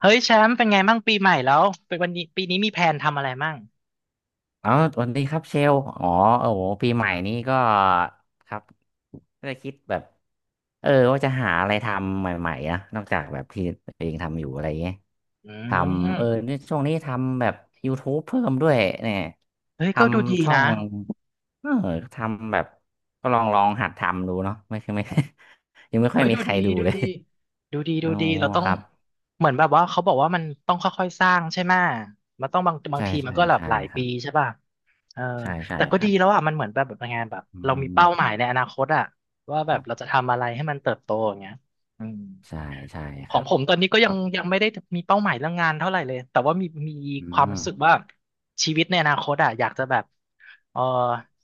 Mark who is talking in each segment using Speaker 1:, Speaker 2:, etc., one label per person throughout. Speaker 1: เฮ้ยแชมป์เป็นไงมั่งปีใหม่แล้วเป็นวันนี้ปีนี้มีแผนทำอะไรมั่ง
Speaker 2: อ๋อสวัสดีครับเชล อ๋อโอ้โห ปีใหม่นี้ก็ครับก็เลยคิดแบบว่าจะหาอะไรทำใหม่ๆนะนอกจากแบบที่ตัวเองทำอยู่อะไรเงี้ย
Speaker 1: อื
Speaker 2: ทำ
Speaker 1: ม
Speaker 2: เนี่ยช่วงนี้ทำแบบ YouTube เพิ่มด้วยเนี่ย
Speaker 1: เฮ้ย
Speaker 2: ท
Speaker 1: ก็ดูดี
Speaker 2: ำช่อ
Speaker 1: นะ
Speaker 2: งเออทำแบบก็ลองลองหัดทำดูเนาะไม่ใช่ไม่ ยังไม่ค่อ
Speaker 1: เฮ้
Speaker 2: ย
Speaker 1: ย
Speaker 2: มี
Speaker 1: ดู
Speaker 2: ใคร
Speaker 1: ดี
Speaker 2: ดู
Speaker 1: ดู
Speaker 2: เลย
Speaker 1: ดีดูดีดู
Speaker 2: อ๋อ
Speaker 1: ดีเราต้อ
Speaker 2: ค
Speaker 1: ง
Speaker 2: รับ
Speaker 1: เหมือนแบบว่าเขาบอกว่ามันต้องค่อยๆสร้างใช่ไหมมันต้องบาง
Speaker 2: ใช่
Speaker 1: ทีมัน
Speaker 2: ใช่
Speaker 1: ก็แบบ
Speaker 2: ใช่
Speaker 1: หลาย
Speaker 2: ครั
Speaker 1: ปี
Speaker 2: บ
Speaker 1: ใช่ป่ะเออ
Speaker 2: ใช่ใช่
Speaker 1: แต่ก็
Speaker 2: ครั
Speaker 1: ดี
Speaker 2: บ
Speaker 1: แล้วอ่ะมันเหมือนแบบงานแบบ
Speaker 2: อื
Speaker 1: เรามีเป้าห
Speaker 2: ม
Speaker 1: มายในอนาคตอ่ะว่าแบ
Speaker 2: ค
Speaker 1: บ
Speaker 2: รั
Speaker 1: เรา
Speaker 2: บ
Speaker 1: จะทำอะไรให้มันเติบโตอย่างเงี้ยอืม
Speaker 2: ใช่ใช่
Speaker 1: ข
Speaker 2: ค
Speaker 1: อง
Speaker 2: รับ
Speaker 1: ผมตอนนี้ก็
Speaker 2: ค
Speaker 1: ยั
Speaker 2: รั
Speaker 1: ง
Speaker 2: บ
Speaker 1: ยังไม่ได้มีเป้าหมายเรื่องงานเท่าไหร่เลยแต่ว่ามี
Speaker 2: อื
Speaker 1: ความรู้
Speaker 2: ม
Speaker 1: สึกว่าชีวิตในอนาคตอ่ะอยากจะแบบเออ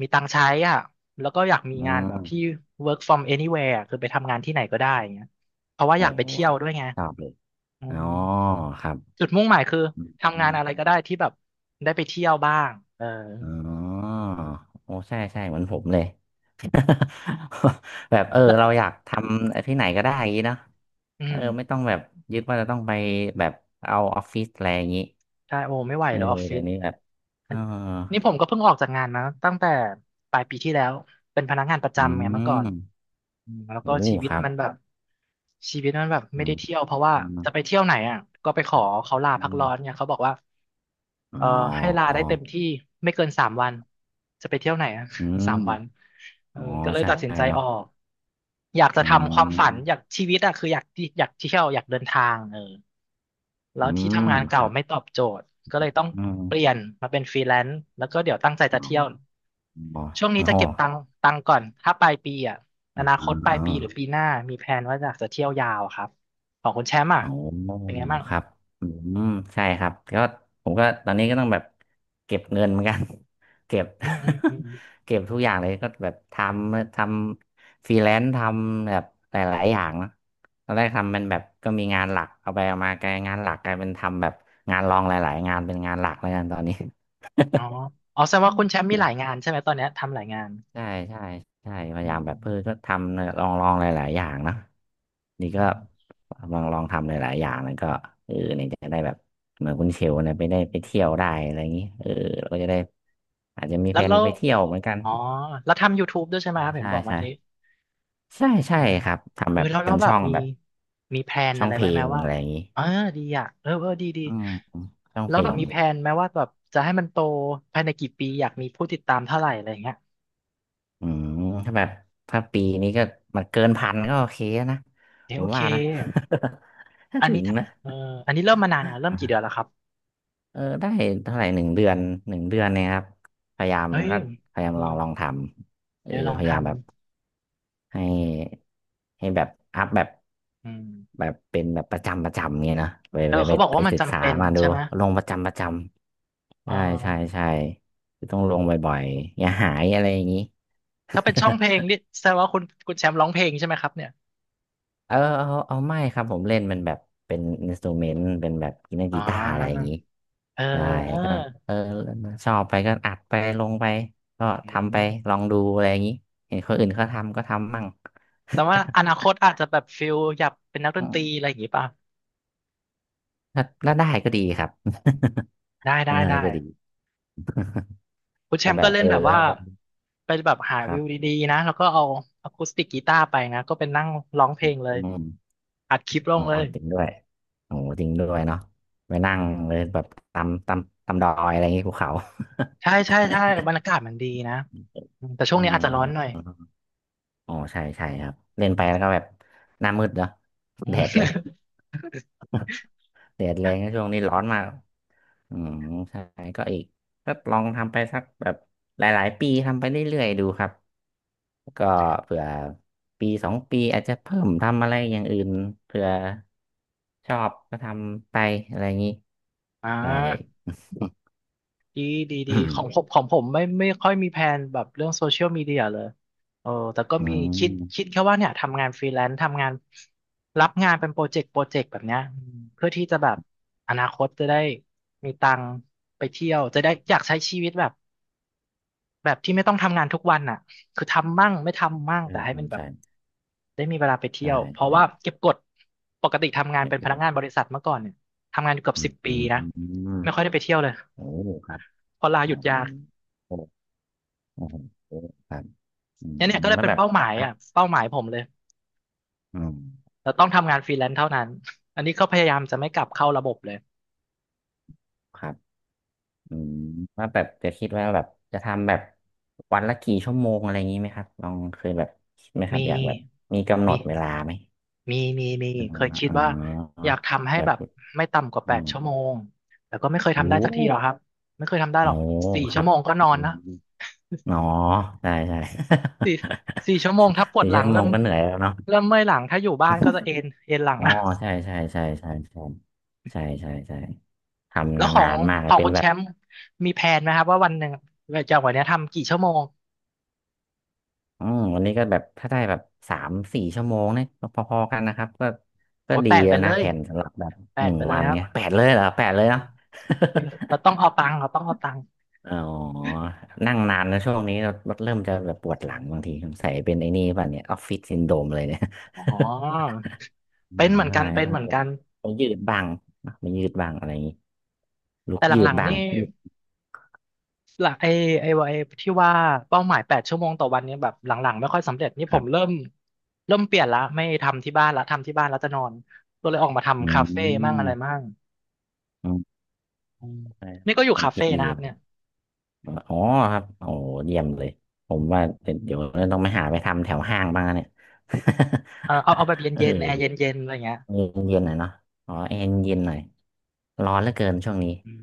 Speaker 1: มีตังค์ใช้อ่ะแล้วก็อยากมี
Speaker 2: อื
Speaker 1: งานแบบที่
Speaker 2: ม
Speaker 1: work from anywhere อะคือไปทำงานที่ไหนก็ได้อย่างเงี้ยเพราะว่า
Speaker 2: โอ้
Speaker 1: อยากไปเที่ย
Speaker 2: ค
Speaker 1: ว
Speaker 2: รับ
Speaker 1: ด้วยไง
Speaker 2: ครับเลย
Speaker 1: อื
Speaker 2: อ๋อ
Speaker 1: ม
Speaker 2: ครับ
Speaker 1: จุดมุ่งหมายคือ
Speaker 2: อื
Speaker 1: ทำงาน
Speaker 2: ม
Speaker 1: อะไรก็ได้ที่แบบได้ไปเที่ยวบ้างเออ
Speaker 2: อ๋อโอ้ใช่ใช่เหมือนผมเลย แบบ
Speaker 1: แล้ว
Speaker 2: เราอยากทำที่ไหนก็ได้อย่างนี้เนาะ
Speaker 1: อืม
Speaker 2: ไม่ต้องแบบยึดว่าจะต้องไปแบบเอาออฟฟิศอะไรอย่างนี้
Speaker 1: ใช่โอ้ไม่ไหว
Speaker 2: เออ
Speaker 1: แล้วออฟฟิ
Speaker 2: เดี๋ย
Speaker 1: ศ
Speaker 2: วนี้แบบเอ
Speaker 1: อั
Speaker 2: อ
Speaker 1: นนี่ผมก็เพิ่งออกจากงานมาตั้งแต่ปลายปีที่แล้วเป็นพนักงานประ
Speaker 2: อื
Speaker 1: จำไงเมื่อก่อน
Speaker 2: ม
Speaker 1: อืมแล้ว
Speaker 2: โอ้
Speaker 1: ก็ชีวิ
Speaker 2: ค
Speaker 1: ต
Speaker 2: รับ
Speaker 1: มันแบบชีวิตมันแบบ
Speaker 2: อื
Speaker 1: ไม่ได้
Speaker 2: ม
Speaker 1: เที่ยวเพราะว่า
Speaker 2: อืม
Speaker 1: จะไปเที่ยวไหนอ่ะก็ไปข
Speaker 2: ค
Speaker 1: อ
Speaker 2: รับ
Speaker 1: เขาลา
Speaker 2: อื
Speaker 1: พัก
Speaker 2: ม
Speaker 1: ร้อนเนี่ยเขาบอกว่า
Speaker 2: อ๋อ
Speaker 1: เออให้ลา
Speaker 2: อ๋อ
Speaker 1: ได้เต็มที่ไม่เกินสามวันจะไปเที่ยวไหนอ่ะ
Speaker 2: อื ม
Speaker 1: 3 วันเออ
Speaker 2: อ๋อ
Speaker 1: ก็เลย
Speaker 2: ใช่
Speaker 1: ตัดสินใจ
Speaker 2: เนาะ
Speaker 1: ออกอยากจะ
Speaker 2: อื
Speaker 1: ทำความฝันอยาก
Speaker 2: ม
Speaker 1: ชีวิตอ่ะคืออยากที่อยากเที่ยวอยากเดินทางเออแล้
Speaker 2: อื
Speaker 1: วที่
Speaker 2: ม
Speaker 1: ทำงาน
Speaker 2: ค
Speaker 1: เก่า
Speaker 2: รับ
Speaker 1: ไม่ตอบโจทย์ก็เลยต้อง
Speaker 2: อืม
Speaker 1: เปลี่ยนมาเป็นฟรีแลนซ์แล้วก็เดี๋ยวตั้งใจ
Speaker 2: อ๋
Speaker 1: จะเที่ยว
Speaker 2: อ
Speaker 1: ช่วงนี้จะ
Speaker 2: อ๋อ
Speaker 1: เก็บตัง
Speaker 2: อ
Speaker 1: ค์ตังค์ก่อนถ้าปลายปีอ่ะอนาคตป
Speaker 2: ๋
Speaker 1: ลายปีหรือ
Speaker 2: อ
Speaker 1: ปีหน้ามีแผนว่าอยากจะเที่ยวยาวครับของคุณแชมป์อ่ะ
Speaker 2: อ๋อ
Speaker 1: เป็นไงบ้าง
Speaker 2: ครับอืมใช่ครับก็ผมก็ตอนนี้ก็ต้องแบบเก็บเงินเหมือนกัน เก็บ
Speaker 1: อืมอืมอืมอม
Speaker 2: เก็บทุกอย่างเลยก็แบบทำฟรีแลนซ์ทำแบบหลายๆอย่างนะตอนแรกทำเป็นแบบก็มีงานหลักเอาไปเอามากลายงานหลักกลายเป็นทำแบบงานรองหลายๆงานเป็นงานหลักแล้วกันตอนนี้
Speaker 1: อ๋ออ๋อแสดงว่าคุณแชมป์มีหลายงา นใช่ไหมตอนเนี้ยทำหลายงาน
Speaker 2: ใช่ใช่ใช่พ
Speaker 1: อื
Speaker 2: ยายามแบ
Speaker 1: ม
Speaker 2: บเพื่อก็ทำเนี่ยลองลองหลายๆอย่างเนอะนี่
Speaker 1: อื
Speaker 2: ก็
Speaker 1: ม
Speaker 2: ลองลองทำหลายๆอย่างแล้วก็เนี่ยจะได้แบบเหมือนคุณเชลเนี่ยไปได้
Speaker 1: อื
Speaker 2: ไป
Speaker 1: ม
Speaker 2: เที่ยวได้อะไรอย่างนี้เราก็จะได้อาจจะมี
Speaker 1: แล้
Speaker 2: แผ
Speaker 1: ว
Speaker 2: น
Speaker 1: แล้ว
Speaker 2: ไปเที่ยวเหมือนกัน
Speaker 1: อ๋อแล้วทำ YouTube ด้วยใช่ไหม
Speaker 2: ใช่
Speaker 1: ครับเห็น
Speaker 2: ใช่
Speaker 1: บอกเมื่
Speaker 2: ใช่
Speaker 1: อกี้
Speaker 2: ใช่ใช่
Speaker 1: เออ
Speaker 2: ครับทำ
Speaker 1: เอ
Speaker 2: แบ
Speaker 1: อ
Speaker 2: บ
Speaker 1: แล้ว
Speaker 2: เป็
Speaker 1: แล้
Speaker 2: น
Speaker 1: วแบ
Speaker 2: ช่
Speaker 1: บ
Speaker 2: อง
Speaker 1: มี
Speaker 2: แบบ
Speaker 1: มีแพลน
Speaker 2: ช่อ
Speaker 1: อะ
Speaker 2: ง
Speaker 1: ไร
Speaker 2: เพล
Speaker 1: ไว้ไหม
Speaker 2: ง
Speaker 1: ว่า
Speaker 2: อะไรอย่างนี้
Speaker 1: เออดีอ่ะเออเออดีดี
Speaker 2: อืมช่อง
Speaker 1: แล้
Speaker 2: เพ
Speaker 1: ว
Speaker 2: ล
Speaker 1: แบบ
Speaker 2: ง
Speaker 1: มีแพลนไหมว่าแบบจะให้มันโตภายในกี่ปีอยากมีผู้ติดตามเท่าไหร่อะไรอย่างเงี้ย
Speaker 2: อืมถ้าแบบถ้าปีนี้ก็มันเกินพันก็โอเคนะ
Speaker 1: เอะ
Speaker 2: ผ
Speaker 1: โอ
Speaker 2: ม
Speaker 1: เค
Speaker 2: ว่านะ ถ้า
Speaker 1: อัน
Speaker 2: ถึ
Speaker 1: นี้
Speaker 2: ง
Speaker 1: ถ้า
Speaker 2: นะ
Speaker 1: เอออันนี้เริ่มมานานแล้วเริ่มกี่เดือนแล้วครับ
Speaker 2: ได้เท่าไหร่หนึ่งเดือนหนึ่งเดือนเนี่ยครับพยายาม
Speaker 1: เฮ้ย
Speaker 2: ก็พยายามล
Speaker 1: ล
Speaker 2: อ
Speaker 1: อ
Speaker 2: ง
Speaker 1: ง
Speaker 2: ลองทำ
Speaker 1: เออลอง
Speaker 2: พยายา
Speaker 1: ทำ
Speaker 2: มแบบให้ให้แบบอัพแบบ
Speaker 1: อืม
Speaker 2: แบบเป็นแบบประจำประจำเงี้ยนะไป
Speaker 1: เออ
Speaker 2: ไปไป
Speaker 1: เขาบอก
Speaker 2: ไป
Speaker 1: ว่ามัน
Speaker 2: ศึก
Speaker 1: จำ
Speaker 2: ษา
Speaker 1: เป็น
Speaker 2: มาดู
Speaker 1: ใช่ไหม
Speaker 2: ลงประจำประจำ
Speaker 1: เอ
Speaker 2: ใช่ใช่
Speaker 1: อ
Speaker 2: ใช่คือต้องลงบ่อยๆอย่าหายอะไรอย่างนี้
Speaker 1: ถ้าเป็นช่องเพล งนี่แสดงว่าคุณแชมป์ร้องเพลงใช่ไหมครับเนี่ย
Speaker 2: เอาไม่ครับผมเล่นมันแบบเป็นอินสตูเมนต์เป็นแบบเล่น
Speaker 1: อ๋
Speaker 2: กีตาร์อะไรอย่าง
Speaker 1: อ
Speaker 2: นี้
Speaker 1: เ
Speaker 2: ใช่ก็
Speaker 1: ออ
Speaker 2: เออชอบไปก็อัดไปลงไปก็
Speaker 1: อื
Speaker 2: ทำไป
Speaker 1: ม
Speaker 2: ลองดูอะไรอย่างนี้เห็นคนอื่นเขาทำก็ทำมั่ง
Speaker 1: แต่ว่าอนาคตอาจจะแบบฟิลอยากเป็นนัก ด
Speaker 2: อื
Speaker 1: นตรีอะ
Speaker 2: ม
Speaker 1: ไรอย่างงี้ป่ะ
Speaker 2: ถ้าถ้าได้ก็ดีครับ
Speaker 1: ได้
Speaker 2: ถ้า
Speaker 1: ได้
Speaker 2: ได้
Speaker 1: ได้
Speaker 2: ก็ดี
Speaker 1: คุณแช
Speaker 2: แต่
Speaker 1: มป์
Speaker 2: แบ
Speaker 1: ก็
Speaker 2: บ
Speaker 1: เล่นแบบว่า
Speaker 2: ถ้าเรา
Speaker 1: ไปแบบหา
Speaker 2: ค
Speaker 1: วิ
Speaker 2: รับ
Speaker 1: วดีๆนะ แล้วก็เอาอะคูสติกกีตาร์ไปนะก็เป็นนั่งร้องเพลงเล
Speaker 2: อื
Speaker 1: ย
Speaker 2: ม
Speaker 1: อัดคลิปล
Speaker 2: อ๋
Speaker 1: ง
Speaker 2: อ
Speaker 1: เลย
Speaker 2: จริงด้วยโอ้โหจริงด้วยเนาะไปนั่งเลยแบบตำดอยอะไรอย่างนี้ภูเขา
Speaker 1: ใช่ใช่ใช่บรรยากาศมันดีนะอืมแต่ช่ ว
Speaker 2: เ
Speaker 1: งนี้อาจจะร้อนหน่
Speaker 2: ออ
Speaker 1: อย
Speaker 2: อ๋อใช่ใช่ครับเล่นไปแล้วก็แบบหน้ามืดเนาะ
Speaker 1: อื
Speaker 2: แด
Speaker 1: ม
Speaker 2: ดแรงแดดแรงนะช่วงนี้ร้อนมากอืมใช่ก็อีกก็ลองทำไปสักแบบหลายๆปีทำไปเรื่อยๆดูครับก็เผื่อปีสองปีอาจจะเพิ่มทำอะไรอย่างอื่นเผื่อชอบก็ทำไปอะไรอย่างนี้
Speaker 1: อ่า
Speaker 2: ใช่
Speaker 1: ดีดีดีของผมข องผมไม่ไม่ค่อยมีแผนแบบเรื่องโซเชียลมีเดียเลยเออแต่ก็
Speaker 2: อื
Speaker 1: มี
Speaker 2: ม
Speaker 1: คิดแค่ว่าเนี่ยทำงานฟรีแลนซ์ทำงานรับงานเป็นโปรเจกต์โปรเจกต์แบบเนี้ยอืมเพื่อที่จะแบบอนาคตจะได้มีตังค์ไปเที่ยวจะได้อยากใช้ชีวิตแบบ แบบที่ไม่ต้องทำงานทุกวันอ่ะคือทำมั่งไม่ทำมั่ง
Speaker 2: ใช่
Speaker 1: แต่ให้
Speaker 2: ครั
Speaker 1: มัน
Speaker 2: บ
Speaker 1: แบบ
Speaker 2: ใช่
Speaker 1: ได้มีเวลาไปเที่
Speaker 2: ใช่
Speaker 1: ยว
Speaker 2: ใช
Speaker 1: เพราะว่า
Speaker 2: ่
Speaker 1: เก็บกดปกติทำงาน
Speaker 2: ไม่
Speaker 1: เป็น
Speaker 2: ป
Speaker 1: พ
Speaker 2: ว
Speaker 1: นัก
Speaker 2: ด
Speaker 1: งานบริษัทเมื่อก่อนเนี่ยทำงานอยู่เกือบ
Speaker 2: อื
Speaker 1: สิ
Speaker 2: ม
Speaker 1: บปีนะไม่ค่อยได้ไปเที่ยวเลย
Speaker 2: โอ้โหครับ
Speaker 1: เพอลาห
Speaker 2: โอ้
Speaker 1: ยุดยาว
Speaker 2: โห โอ้โหครับอืม
Speaker 1: เนี่ยเนี่ยก็เลย
Speaker 2: แล้ว
Speaker 1: เป็น
Speaker 2: แบบ
Speaker 1: เป้าหมาย
Speaker 2: นะ
Speaker 1: อ่ะเป้าหมายผมเลย
Speaker 2: อืม
Speaker 1: เราต้องทำงานฟรีแลนซ์เท่านั้นอันนี้ก็พยายามจะไม่กลับเข้าระบบเลย
Speaker 2: ครับอืมแล้วแบบจะคิดว่าแบบจะทำแบบวันละกี่ชั่วโมงอะไรอย่างนี้ไหมครับลองเคยแบบคิดไหมครั
Speaker 1: มี
Speaker 2: บอยากแบบมีกำหน
Speaker 1: มี
Speaker 2: ดเวลาไหม
Speaker 1: มีมีมี
Speaker 2: อ๋
Speaker 1: เคย
Speaker 2: อ
Speaker 1: คิด
Speaker 2: อ๋
Speaker 1: ว่า
Speaker 2: อ
Speaker 1: อยากทำให้
Speaker 2: แบ
Speaker 1: แบ
Speaker 2: บ
Speaker 1: บไม่ต่ำกว่า
Speaker 2: อื
Speaker 1: แปด
Speaker 2: ม
Speaker 1: ชั่วโมงแต่ก็ไม่เคยทำได้
Speaker 2: รู้
Speaker 1: สักทีหรอกครับไม่เคยทำได้ห
Speaker 2: โอ้
Speaker 1: รอกสี่
Speaker 2: ค
Speaker 1: ชั่
Speaker 2: รั
Speaker 1: ว
Speaker 2: บ
Speaker 1: โมงก็นอ
Speaker 2: อ
Speaker 1: นนะ
Speaker 2: มอ๋อใช่ใช่
Speaker 1: สี่สี่ชั่วโมงถ้าป วด
Speaker 2: สี่
Speaker 1: หลัง
Speaker 2: ชั่วโม
Speaker 1: เริ่ม
Speaker 2: งก็เหนื่อยแล้วเนาะ
Speaker 1: เริ่มเมื่อยหลังถ้าอยู่บ้านก็จะเอนเอนหลัง
Speaker 2: อ๋อ
Speaker 1: นะ
Speaker 2: ใช่ใช่ใช่ใช่ใช่ใช่ใช่ใช่ทำ
Speaker 1: แล้วขอ
Speaker 2: นา
Speaker 1: ง
Speaker 2: นๆมาก
Speaker 1: ข
Speaker 2: เล
Speaker 1: อ
Speaker 2: ย
Speaker 1: ง
Speaker 2: เป็น
Speaker 1: คุณ
Speaker 2: แบ
Speaker 1: แช
Speaker 2: บ
Speaker 1: มป์มีแผนไหมครับว่าวันหนึ่งจากวันเนี้ยทำกี่ชั่วโมง
Speaker 2: อืมวันนี้ก็แบบถ้าได้แบบสามสี่ชั่วโมงเนี่ยก็พอๆกันนะครับก็
Speaker 1: โอ้
Speaker 2: ก็
Speaker 1: ย
Speaker 2: ดี
Speaker 1: แปดไป
Speaker 2: แล้ว
Speaker 1: เล
Speaker 2: นะ
Speaker 1: ย
Speaker 2: แผนสำหรับแบบ
Speaker 1: แป
Speaker 2: ห
Speaker 1: ด
Speaker 2: นึ่ง
Speaker 1: ไปเล
Speaker 2: วั
Speaker 1: ย
Speaker 2: น
Speaker 1: ครับ
Speaker 2: เนี่ยแปดเลยเหรอแปดเลยเนาะ
Speaker 1: เฮ้ยเราต้องเอาตังค์เราต้องเอาตังค์
Speaker 2: อ๋อนั่งนานนะช่วงนี้เราเริ่มจะแบบปวดหลังบางทีสงสัยเป็นไอ้นี่ป่ะเนี่ยออฟฟิศซินโดรมเลยเนี่ย
Speaker 1: อ๋อ
Speaker 2: อื
Speaker 1: เป็
Speaker 2: ม
Speaker 1: นเหมือน
Speaker 2: ใช่
Speaker 1: กันเป็น
Speaker 2: ต้อง
Speaker 1: เหมือน
Speaker 2: แบบ
Speaker 1: กัน
Speaker 2: ต้องยืดบ้างนะไม่ยืดบ้างอะไรอย่างนี้ลุก
Speaker 1: แต่ห
Speaker 2: ยื
Speaker 1: ลั
Speaker 2: ด
Speaker 1: งๆ
Speaker 2: บ้า
Speaker 1: นี่
Speaker 2: ง
Speaker 1: หลักไอ้ไอ้ไอ้ที่ว่าเป้าหมาย8 ชั่วโมงต่อวันเนี่ยแบบหลังๆไม่ค่อยสำเร็จนี่
Speaker 2: ค
Speaker 1: ผ
Speaker 2: รั
Speaker 1: มเริ่
Speaker 2: บ
Speaker 1: มเริ่มเปลี่ยนละไม่ทำที่บ้านละทำที่บ้านแล้วจะนอนก็เลยออกมา
Speaker 2: อื
Speaker 1: ทำคาเฟ่มั่งอะไรมั่
Speaker 2: ม
Speaker 1: ง
Speaker 2: อืม
Speaker 1: อืม
Speaker 2: ใช่
Speaker 1: นี่ก็อยู่
Speaker 2: ความ
Speaker 1: คา
Speaker 2: คิ
Speaker 1: เฟ่
Speaker 2: ดดี
Speaker 1: นะครับเนี่ย
Speaker 2: อ๋อครับโอ้เยี่ยมเลยผมว่าเดี๋ยวต้องไปหาไปทำแถวห้างบ้างนะเนี่ย
Speaker 1: เออเอาแบบ
Speaker 2: เออ
Speaker 1: เย็นๆแอร์เย็นๆอะไรเงี้ย
Speaker 2: เย็นๆหน่อยเนาะอ๋อแอร์เย็นหน่อยร้อนเหลือเกินช่วงนี้
Speaker 1: อืม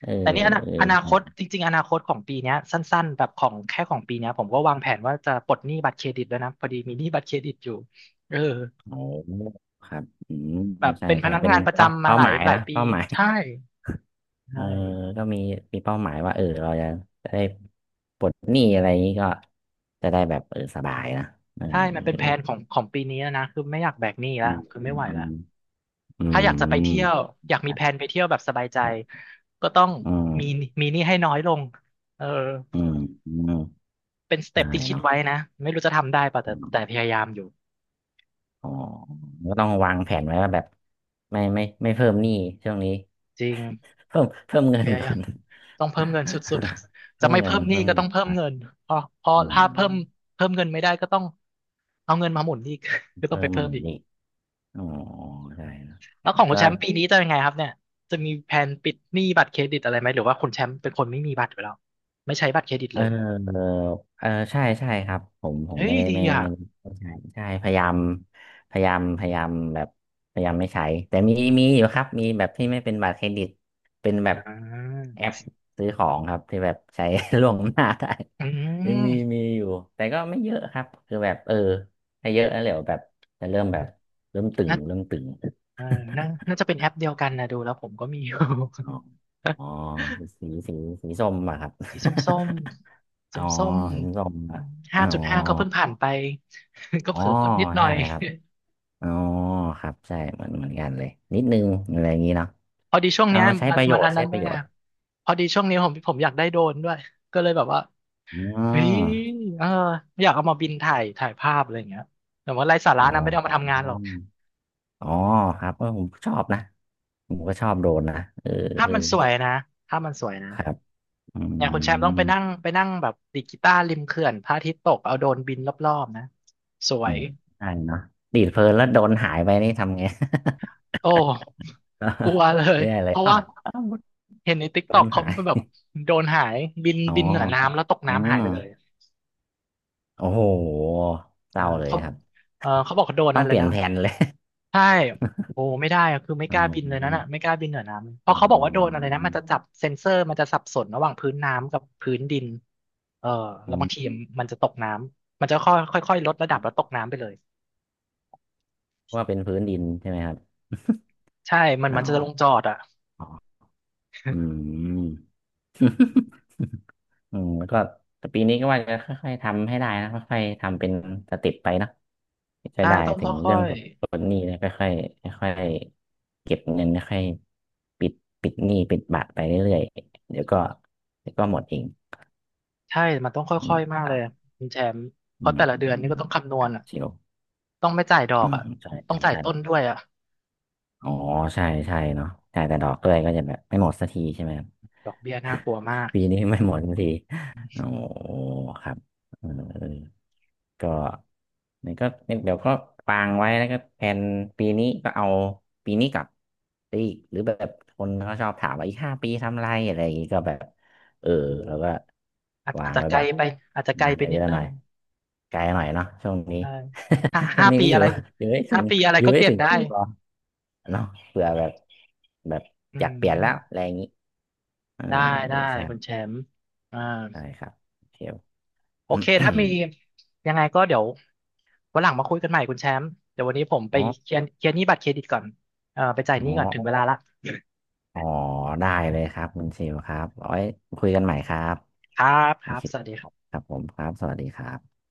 Speaker 2: เออ
Speaker 1: แต่นี่
Speaker 2: เออ
Speaker 1: อนา
Speaker 2: ค
Speaker 1: ค
Speaker 2: รั
Speaker 1: ต
Speaker 2: บ
Speaker 1: จริงๆอนาคตของปีเนี้ยสั้นๆแบบของแค่ของปีเนี้ยผมก็วางแผนว่าจะปลดหนี้บัตรเครดิตแล้วยนะพอดีมีหนี้บัตรเครดิตอยู่เออ
Speaker 2: โอ้ครับอืม
Speaker 1: แบบ
Speaker 2: ใช่
Speaker 1: เป็นพ
Speaker 2: ใช่
Speaker 1: นัก
Speaker 2: เป็น
Speaker 1: งานประ
Speaker 2: เป้า
Speaker 1: จำมา
Speaker 2: เป้า
Speaker 1: ห
Speaker 2: ห
Speaker 1: ลาย
Speaker 2: มาย
Speaker 1: หลาย
Speaker 2: นะ
Speaker 1: ปี
Speaker 2: เป้าหมาย
Speaker 1: ใช่
Speaker 2: เอ
Speaker 1: ใช่
Speaker 2: อก็มีมีเป้าหมายว่าเราจะจะได้ปลดหนี้อะไรอย่างนี้ก็จะได้แบบสบายนะเออ
Speaker 1: ใช่มันเป็นแผนของของปีนี้แล้วนะคือไม่อยากแบกหนี้
Speaker 2: อื
Speaker 1: ละ
Speaker 2: ม
Speaker 1: คือ
Speaker 2: อื
Speaker 1: ไม่ไหวละ
Speaker 2: มอื
Speaker 1: ถ้าอยากจะไป
Speaker 2: ม
Speaker 1: เที่ยว อยากมีแผนไปเที่ยวแบบสบายใจก็ต้อง
Speaker 2: อื
Speaker 1: มี
Speaker 2: ม
Speaker 1: มีหนี้ให้น้อยลง เออ
Speaker 2: อืมอืม
Speaker 1: เป็นสเต็ป
Speaker 2: ใช่
Speaker 1: ที่คิด
Speaker 2: เนาะ
Speaker 1: ไว้นะ ไม่รู้จะทำได้ป่ะ
Speaker 2: อื
Speaker 1: แต่
Speaker 2: ม
Speaker 1: พยายามอยู่
Speaker 2: อ๋อก็ต้องวางแผนไว้ว่าแบบไม่เพิ่มหนี้ช่วงนี้
Speaker 1: จริง
Speaker 2: เพิ่มเงิ
Speaker 1: พ
Speaker 2: น
Speaker 1: ยา
Speaker 2: ก่อ
Speaker 1: ยาม
Speaker 2: น
Speaker 1: ต้องเพิ่มเงินสุด ๆ จะ
Speaker 2: เพิ่ม
Speaker 1: ไม่
Speaker 2: เงิน
Speaker 1: เพิ่มหนี้
Speaker 2: เพิ่ม
Speaker 1: ก็
Speaker 2: เงิ
Speaker 1: ต้อง
Speaker 2: น
Speaker 1: เพิ่ม
Speaker 2: อ่ะ
Speaker 1: เงินพอพอ
Speaker 2: อื๋อ
Speaker 1: ถ้า
Speaker 2: ม
Speaker 1: เพิ่มเงินไม่ได้ก็ต้องเอาเงินมาหมุนอีก ก็ต้อง
Speaker 2: เพิ่
Speaker 1: ไป
Speaker 2: ม
Speaker 1: เพิ่มอี
Speaker 2: ห
Speaker 1: ก
Speaker 2: นี้อ๋อใช่เนอะ
Speaker 1: แล้วของคุ
Speaker 2: ก็
Speaker 1: ณแชมป์ปีนี้จะยังไงครับเนี่ยจะมีแผนปิดหนี้บัตรเครดิตอะไรไหมหรือว่าคุณแชมป์เป็นคนไม่มีบัตรอยู่แล้วไม่ใช้บัตรเครดิต
Speaker 2: เ
Speaker 1: เลย
Speaker 2: ออเออใช่ใช่ครับผม
Speaker 1: เฮ้
Speaker 2: ไม่
Speaker 1: ย
Speaker 2: ได้
Speaker 1: ดีอ่ะ
Speaker 2: ไม่ใช่ใช่พยายามพยายามแบบพยายามไม่ใช้แต่มีอยู่ครับมีแบบที่ไม่เป็นบัตรเครดิตเป็นแบบ
Speaker 1: อ่า
Speaker 2: แอปซื้อของครับที่แบบใช้ ล่วงหน้าได้
Speaker 1: อื
Speaker 2: ยังมี
Speaker 1: ม
Speaker 2: มีอยู่แต่ก็ไม่เยอะครับคือแบบเออถ้าเยอะแล้วเดี๋ยวแบบจะเริ่มแบบเริ่มตึง
Speaker 1: น่า
Speaker 2: เริ่มตึง
Speaker 1: เออน่าจะเป็นแอปเดียวกันนะดูแล้วผมก็มีอยู่
Speaker 2: อ๋อ อ๋อสีสีสีส้มอะครับ
Speaker 1: สีส้มส้ม
Speaker 2: อ๋
Speaker 1: ส้
Speaker 2: อ
Speaker 1: มส้ม
Speaker 2: สีส้มอะ
Speaker 1: ห้า
Speaker 2: อ๋อ
Speaker 1: จุดห้าก็เพิ่งผ่านไป ก็
Speaker 2: อ๋อ
Speaker 1: เผลอกดนิดหน่อ
Speaker 2: ใช่
Speaker 1: ย
Speaker 2: ครับอ๋อครับใช่เหมือนกันเลยนิดนึงอะไรอย่างนี้เนาะ
Speaker 1: พอดีช่วง
Speaker 2: เอา
Speaker 1: เนี้ย
Speaker 2: มาใช้
Speaker 1: มั
Speaker 2: ป
Speaker 1: น
Speaker 2: ระโย
Speaker 1: มัน
Speaker 2: ช
Speaker 1: อัน
Speaker 2: น์ใช้
Speaker 1: นั้น
Speaker 2: ป
Speaker 1: ด้ว
Speaker 2: ระ
Speaker 1: ย
Speaker 2: โย
Speaker 1: ไง
Speaker 2: ชน์
Speaker 1: พอดีช่วงนี้ผมอยากได้โดรนด้วยก็เลยแบบว่า
Speaker 2: อ๋
Speaker 1: เฮ้ย
Speaker 2: อ
Speaker 1: เอออยากเอามาบินถ่ายถ่ายภาพอะไรอย่างเงี้ยแต่ว่าไร้สาระ
Speaker 2: อ๋อ
Speaker 1: นะไม่ได้เอามาทำงานหรอก
Speaker 2: อ๋อครับเออผมชอบนะผมก็ชอบโดรนนะเออ
Speaker 1: ภา
Speaker 2: เอ
Speaker 1: พ
Speaker 2: อ
Speaker 1: มันสวยนะภาพมันสวยนะ
Speaker 2: ครับอื
Speaker 1: อย่างคุณแชมป์ต้องไป
Speaker 2: ม
Speaker 1: นั่งไปนั่งแบบดีดกีตาร์ริมเขื่อนพระอาทิตย์ตกเอาโดรนบินรอบๆนะสว
Speaker 2: อื
Speaker 1: ย
Speaker 2: มใช่เนาะดีดเพลินแล้วโดรนหายไปนี่ทำไง
Speaker 1: โอ้กลัว เลย
Speaker 2: ไม่ไเล
Speaker 1: เพ
Speaker 2: ย
Speaker 1: ราะ
Speaker 2: อ้า
Speaker 1: ว่า
Speaker 2: วอ้าว
Speaker 1: เห็นในติ๊ก
Speaker 2: โดร
Speaker 1: ต็อก
Speaker 2: น
Speaker 1: เขา
Speaker 2: หา
Speaker 1: แบบ
Speaker 2: ย
Speaker 1: โดรนหายบิน
Speaker 2: อ๋อ
Speaker 1: บินเหนือน้ำแล้วตก
Speaker 2: อื
Speaker 1: น้ำหาย
Speaker 2: ม
Speaker 1: ไปเลย
Speaker 2: โอ้โหเศ
Speaker 1: เออ
Speaker 2: ร้าเลย
Speaker 1: เขา
Speaker 2: ครับ
Speaker 1: เออเขาบอกเขาโดน
Speaker 2: ต้อ
Speaker 1: นั่
Speaker 2: ง
Speaker 1: นเล
Speaker 2: เป
Speaker 1: ย
Speaker 2: ลี่ยน
Speaker 1: นะ
Speaker 2: แผนเลย
Speaker 1: ใช่โอ้ไม่ได้อะคือไม่
Speaker 2: อ๋
Speaker 1: กล้าบินเลยน่น
Speaker 2: อ
Speaker 1: อ่ะไม่กล้าบินเหนือน้ำเพ
Speaker 2: อื
Speaker 1: ราะเขาบอกว่าโดรนอะไรนะ
Speaker 2: ม
Speaker 1: มันจะจับเซ็นเซอร์มันจะสับสนระหว่างพื้นน้ำกับพื้นดินเออแล้วบางที
Speaker 2: อื
Speaker 1: มันจะตกน้ำมันจะค่อยค่อยๆลดระดับแล้วตกน้ำไปเลย
Speaker 2: ว่าเป็นพื้นดินใช่ไหมครับ
Speaker 1: ใช่มัน
Speaker 2: อ๋อ
Speaker 1: มันจะลงจอดอ่ะ
Speaker 2: อ๋ออืม อืมแล้วก็แต่ปีนี้ก็ว่าจะค่อยๆทำให้ได้นะค่อยๆทำเป็นสเต็ปไปเนอะจะ
Speaker 1: ใช่
Speaker 2: ได้
Speaker 1: ต้อง
Speaker 2: ถึง
Speaker 1: ค่
Speaker 2: เรื่
Speaker 1: อ
Speaker 2: อง
Speaker 1: ย
Speaker 2: ผลผลหนี้นะค่อยๆค่อยๆเก็บเงินค่อยๆปิดหนี้ปิดบัตรไปเรื่อยๆเดี๋ยวก็เดี๋ยวก็หมดเอง
Speaker 1: ๆใช่มันต้องค
Speaker 2: อื
Speaker 1: ่
Speaker 2: ม
Speaker 1: อยๆมาก
Speaker 2: ค
Speaker 1: เล
Speaker 2: รั
Speaker 1: ย
Speaker 2: บ
Speaker 1: คุณแชมป์เพ
Speaker 2: อื
Speaker 1: ราะ
Speaker 2: ม
Speaker 1: แต่ละเดือ
Speaker 2: อื
Speaker 1: นนี่
Speaker 2: ม
Speaker 1: ก็ต้องคำน
Speaker 2: ค
Speaker 1: ว
Speaker 2: รั
Speaker 1: ณ
Speaker 2: บ
Speaker 1: อ่ะ
Speaker 2: เชียว
Speaker 1: ต้องไม่จ่ายดอก
Speaker 2: อืม
Speaker 1: อ่ะ
Speaker 2: ใช่
Speaker 1: ต้อง
Speaker 2: ใช่
Speaker 1: จ่าย
Speaker 2: ใช่
Speaker 1: ต้นด้วยอ่ะ
Speaker 2: อ๋อใช่ใช่เนาะใช่แต่ดอกด้วยก็จะแบบไม่หมดสักทีใช่ไหม
Speaker 1: ดอกเบี้ยน่ากลัวมาก
Speaker 2: ปีนี้ไม่หมดสักทีโอ้ครับเออก็นี่ก็เดี๋ยวก็วางไว้แล้วก็แผนปีนี้ก็เอาปีนี้กลับไปอีกหรือแบบคนเขาชอบถามว่าอีก5 ปีทำอะไรอะไรอย่างงี้ก็แบบเออ
Speaker 1: หรือ
Speaker 2: แล้วก็
Speaker 1: อาจ
Speaker 2: วา
Speaker 1: อาจ
Speaker 2: ง
Speaker 1: จะ
Speaker 2: ไว้
Speaker 1: ไกล
Speaker 2: แบบ
Speaker 1: ไปอาจจะไกล
Speaker 2: งาน
Speaker 1: ไปนิ
Speaker 2: เย
Speaker 1: ด
Speaker 2: อะ
Speaker 1: นึ
Speaker 2: หน่
Speaker 1: ง
Speaker 2: อยไกลหน่อยเนาะช่วงนี้
Speaker 1: ใช่ห้า
Speaker 2: ช่ว
Speaker 1: ห้า
Speaker 2: งนี้
Speaker 1: ปี
Speaker 2: อ
Speaker 1: อะ
Speaker 2: ยู่
Speaker 1: ไร
Speaker 2: อยู่ให้ถึ
Speaker 1: ห้า
Speaker 2: ง
Speaker 1: ปีอะไร
Speaker 2: อยู่
Speaker 1: ก็เป
Speaker 2: ให้
Speaker 1: ลี่ยน
Speaker 2: ถึง
Speaker 1: ได้
Speaker 2: ปีก่อนเนาะเผื่อแบบแบบ
Speaker 1: อื
Speaker 2: อยากเปลี่ยนแล้วอะไร
Speaker 1: ม
Speaker 2: อย่างงี้เออ
Speaker 1: ได้ ได้
Speaker 2: ใช่
Speaker 1: คุณแชมป์อ่า
Speaker 2: ได้ครับเชล
Speaker 1: โอเค ถ้ามียังไงก็เดี๋ยววันหลังมาคุยกันใหม่ คุณแชมป์เดี๋ยววันนี้ผมไป
Speaker 2: อ๋อ
Speaker 1: เคลียร์หนี้บัตรเครดิตก่อนไปจ่ายห
Speaker 2: อ๋
Speaker 1: นี้ก่อนถึงเว
Speaker 2: อ
Speaker 1: ลาละ
Speaker 2: อ๋อได้เลยครับคุณเชลครับเอาไว้คุยกันใหม่ครับ
Speaker 1: ครับค
Speaker 2: โอ
Speaker 1: รับ
Speaker 2: เค
Speaker 1: สวัสดีครับ
Speaker 2: ครับผมครับสวัสดีครับ